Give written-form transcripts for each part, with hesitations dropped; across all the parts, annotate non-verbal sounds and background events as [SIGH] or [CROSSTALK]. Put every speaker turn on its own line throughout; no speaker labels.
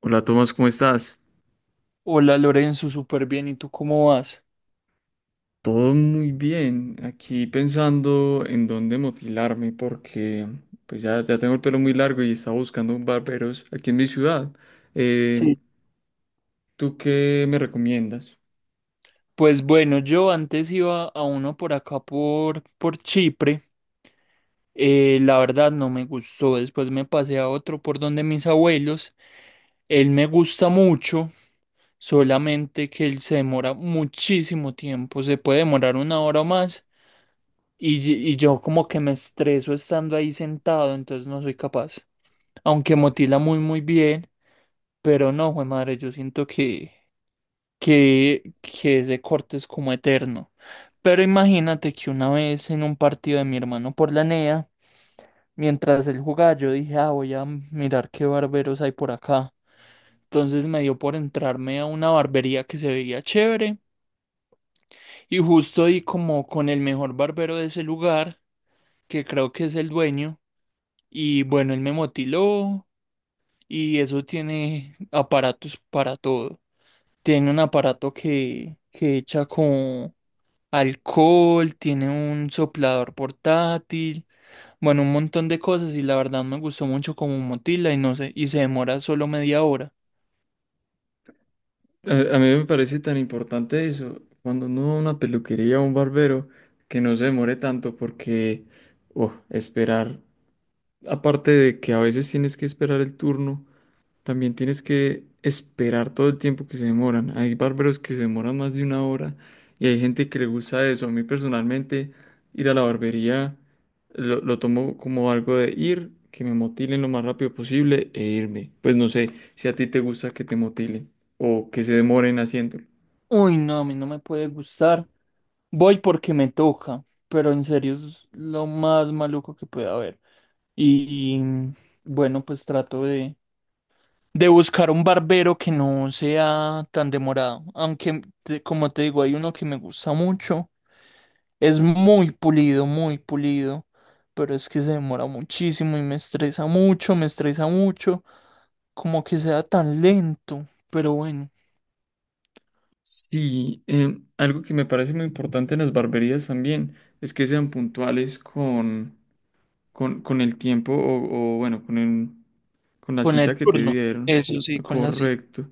Hola Tomás, ¿cómo estás?
Hola Lorenzo, súper bien. ¿Y tú cómo vas?
Todo muy bien. Aquí pensando en dónde motilarme porque pues ya, ya tengo el pelo muy largo y estaba buscando un barberos aquí en mi ciudad. Eh,
Sí.
¿tú qué me recomiendas?
Pues bueno, yo antes iba a uno por acá por Chipre. La verdad no me gustó. Después me pasé a otro por donde mis abuelos. Él me gusta mucho, solamente que él se demora muchísimo tiempo. Se puede demorar 1 hora o más. Y, y yo como que me estreso estando ahí sentado, entonces no soy capaz. Aunque motila muy muy bien, pero no, jue madre, yo siento que ese corte es como eterno. Pero imagínate que una vez en un partido de mi hermano por la NEA, mientras él jugaba, yo dije, ah, voy a mirar qué barberos hay por acá. Entonces me dio por entrarme a una barbería que se veía chévere y justo di como con el mejor barbero de ese lugar, que creo que es el dueño, y bueno, él me motiló y eso tiene aparatos para todo. Tiene un aparato que echa con alcohol, tiene un soplador portátil, bueno, un montón de cosas y la verdad me gustó mucho como Motila y no sé, y se demora solo media hora.
A mí me parece tan importante eso, cuando uno va a una peluquería o un barbero, que no se demore tanto porque oh, esperar, aparte de que a veces tienes que esperar el turno. También tienes que esperar todo el tiempo que se demoran. Hay barberos que se demoran más de una hora y hay gente que le gusta eso. A mí personalmente, ir a la barbería lo tomo como algo de ir, que me motilen lo más rápido posible e irme. Pues no sé si a ti te gusta que te motilen o que se demoren haciéndolo.
Uy, no, a mí no me puede gustar. Voy porque me toca, pero en serio es lo más maluco que puede haber. Y bueno, pues trato de buscar un barbero que no sea tan demorado. Aunque, como te digo, hay uno que me gusta mucho. Es muy pulido, muy pulido. Pero es que se demora muchísimo y me estresa mucho, me estresa mucho. Como que sea tan lento. Pero bueno,
Sí, algo que me parece muy importante en las barberías también es que sean puntuales con con el tiempo o, bueno, con la
con el
cita que te
turno.
dieron.
Eso sí, con la cita.
Correcto.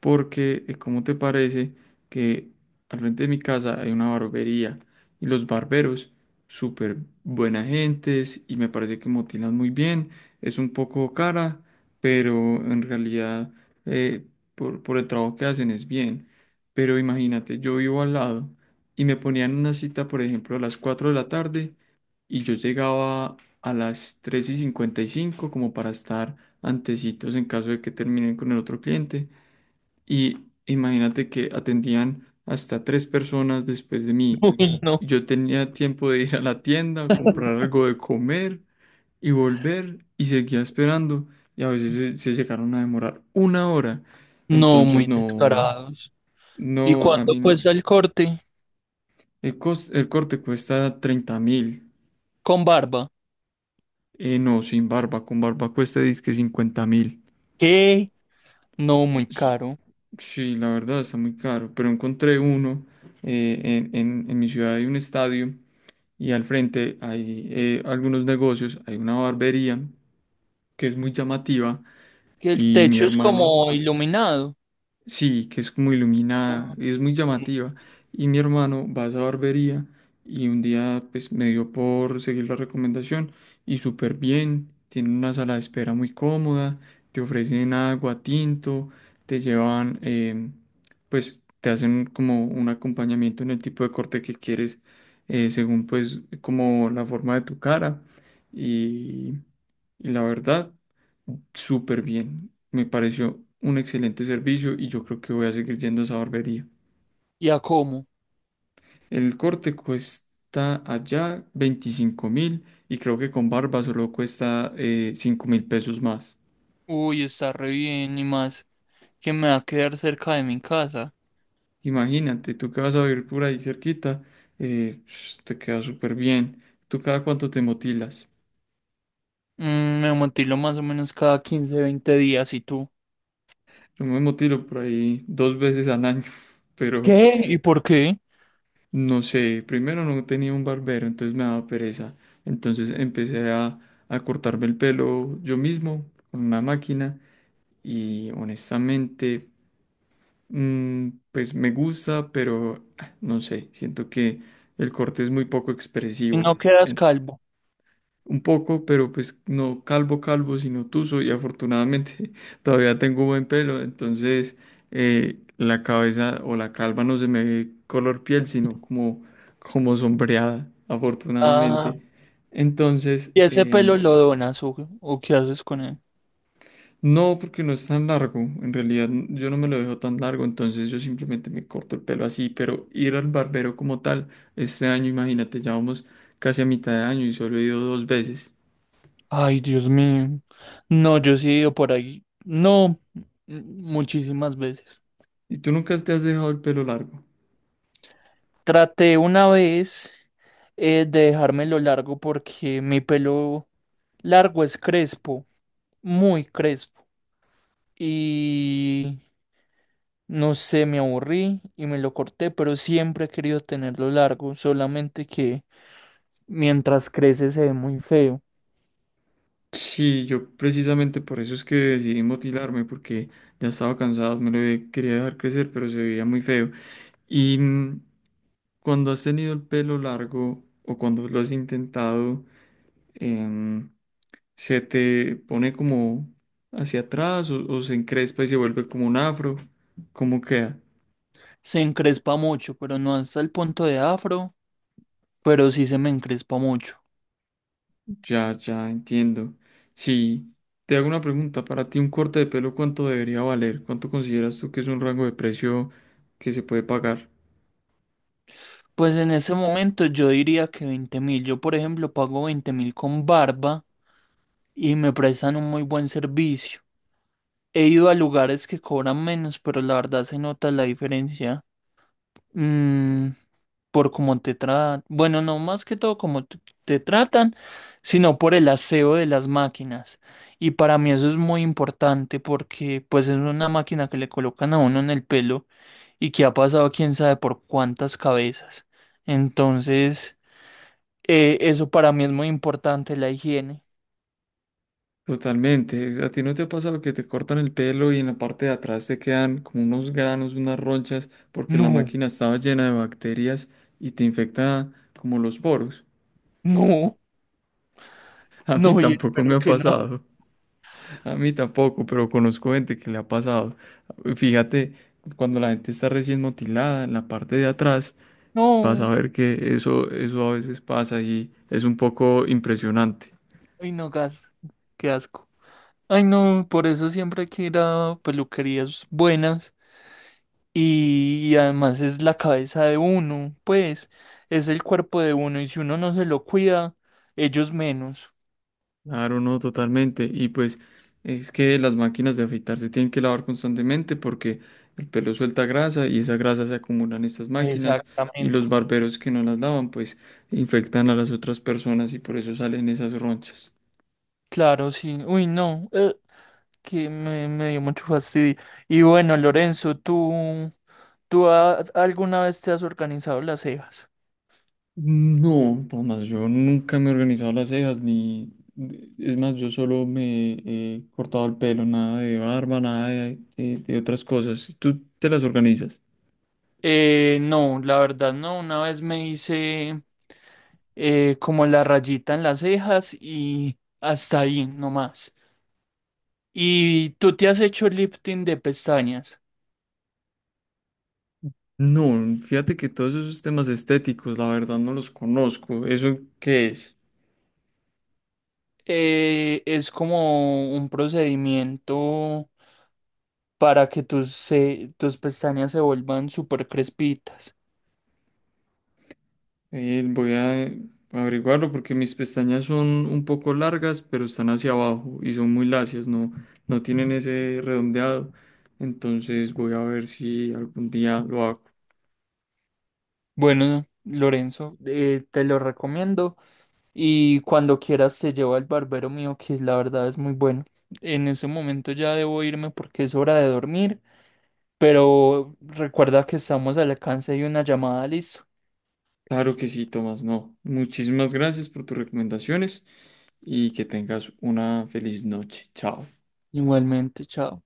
Porque, ¿cómo te parece que al frente de mi casa hay una barbería y los barberos, súper buena gentes y me parece que motilan muy bien? Es un poco cara, pero en realidad eh, por el trabajo que hacen es bien. Pero imagínate, yo vivo al lado y me ponían una cita, por ejemplo, a las 4 de la tarde y yo llegaba a las 3:55 como para estar antecitos en caso de que terminen con el otro cliente. Y imagínate que atendían hasta tres personas después de
[LAUGHS]
mí.
Uy, no.
Yo tenía tiempo de ir a la tienda, comprar algo de comer y volver y seguía esperando. Y a veces se llegaron a demorar una hora.
No,
Entonces
muy
no,
descarados. ¿Y
no, a
cuánto
mí
cuesta el corte
el corte cuesta 30.000.
con barba?
No, sin barba, con barba cuesta dizque 50.000.
¿Qué? No, muy
S-
caro.
Sí, la verdad está muy caro, pero encontré uno en mi ciudad hay un estadio y al frente hay algunos negocios, hay una barbería que es muy llamativa
Que el
y mi
techo es
hermano.
como iluminado.
Sí, que es como iluminada, es muy llamativa. Y mi hermano va a esa barbería y un día pues me dio por seguir la recomendación y súper bien, tiene una sala de espera muy cómoda, te ofrecen agua, tinto, te llevan, pues te hacen como un acompañamiento en el tipo de corte que quieres, según pues como la forma de tu cara y, y la verdad, súper bien. Me pareció un excelente servicio y yo creo que voy a seguir yendo a esa barbería.
¿Y a cómo?
El corte cuesta allá 25.000 y creo que con barba solo cuesta 5.000 pesos más.
Uy, está re bien y más que me va a quedar cerca de mi casa.
Imagínate, tú que vas a vivir por ahí cerquita, te queda súper bien. ¿Tú cada cuánto te motilas?
Me motilo más o menos cada 15 20 días. ¿Y tú?
Yo me motilo por ahí dos veces al año, [LAUGHS] pero
¿Qué? ¿Y por qué?
no sé, primero no tenía un barbero, entonces me daba pereza. Entonces empecé a cortarme el pelo yo mismo con una máquina y honestamente, pues me gusta, pero no sé, siento que el corte es muy poco
¿Y
expresivo
no quedas calvo?
un poco, pero pues no calvo calvo, sino tuso y afortunadamente [LAUGHS] todavía tengo buen pelo, entonces la cabeza o la calva no se me ve color piel, sino como sombreada,
Ah,
afortunadamente. Entonces,
¿y ese pelo lo donas o qué haces con él?
no, porque no es tan largo, en realidad yo no me lo dejo tan largo, entonces yo simplemente me corto el pelo así, pero ir al barbero como tal, este año, imagínate, ya vamos casi a mitad de año y solo he ido dos veces.
Ay, Dios mío. No, yo sí he ido por ahí. No, muchísimas veces.
¿Y tú nunca te has dejado el pelo largo?
Traté una vez de dejármelo largo porque mi pelo largo es crespo, muy crespo. Y no sé, me aburrí y me lo corté, pero siempre he querido tenerlo largo, solamente que mientras crece se ve muy feo.
Sí, yo precisamente por eso es que decidí motilarme, porque ya estaba cansado, quería dejar crecer, pero se veía muy feo. Y cuando has tenido el pelo largo o cuando lo has intentado, em, se te pone como hacia atrás o se encrespa y se vuelve como un afro. ¿Cómo queda?
Se encrespa mucho, pero no hasta el punto de afro, pero sí se me encrespa mucho.
Ya, ya entiendo. Si te hago una pregunta, para ti un corte de pelo, ¿cuánto debería valer? ¿Cuánto consideras tú que es un rango de precio que se puede pagar?
Pues en ese momento yo diría que 20.000. Yo, por ejemplo, pago 20.000 con barba y me prestan un muy buen servicio. He ido a lugares que cobran menos, pero la verdad se nota la diferencia. Mm, por cómo te tratan, bueno, no más que todo cómo te tratan, sino por el aseo de las máquinas. Y para mí eso es muy importante porque pues es una máquina que le colocan a uno en el pelo y que ha pasado quién sabe por cuántas cabezas. Entonces, eso para mí es muy importante, la higiene.
Totalmente. ¿A ti no te ha pasado que te cortan el pelo y en la parte de atrás te quedan como unos granos, unas ronchas, porque la
No,
máquina estaba llena de bacterias y te infecta como los poros?
no,
[LAUGHS] A mí
no, y
tampoco me
espero
ha
que no.
pasado. A mí tampoco, pero conozco gente que le ha pasado. Fíjate, cuando la gente está recién motilada en la parte de atrás, vas a
No,
ver que eso a veces pasa y es un poco impresionante.
ay no, gas, qué asco. Ay no, por eso siempre hay que ir a peluquerías buenas. Y además es la cabeza de uno, pues es el cuerpo de uno y si uno no se lo cuida, ellos menos.
Claro, no, totalmente. Y pues es que las máquinas de afeitar se tienen que lavar constantemente porque el pelo suelta grasa y esa grasa se acumula en estas máquinas y los
Exactamente.
barberos que no las lavan pues infectan a las otras personas y por eso salen esas ronchas.
Claro, sí. Uy, no, que me dio mucho fastidio. Y bueno, Lorenzo, ¿tú alguna vez te has organizado las cejas?
No, Tomás, yo nunca me he organizado las cejas ni... Es más, yo solo me he cortado el pelo, nada de barba, nada de otras cosas. ¿Tú te las organizas?
No, la verdad no. Una vez me hice como la rayita en las cejas y hasta ahí nomás. ¿Y tú te has hecho lifting de pestañas?
No, fíjate que todos esos temas estéticos, la verdad no los conozco. ¿Eso qué es?
Es como un procedimiento para que tus pestañas se vuelvan súper crespitas.
Voy a averiguarlo porque mis pestañas son un poco largas, pero están hacia abajo y son muy lacias, no, no tienen ese redondeado. Entonces voy a ver si algún día lo hago.
Bueno, Lorenzo, te lo recomiendo y cuando quieras te llevo al barbero mío, que la verdad es muy bueno. En ese momento ya debo irme porque es hora de dormir, pero recuerda que estamos al alcance de una llamada, listo.
Claro que sí, Tomás, no. Muchísimas gracias por tus recomendaciones y que tengas una feliz noche. Chao.
Igualmente, chao.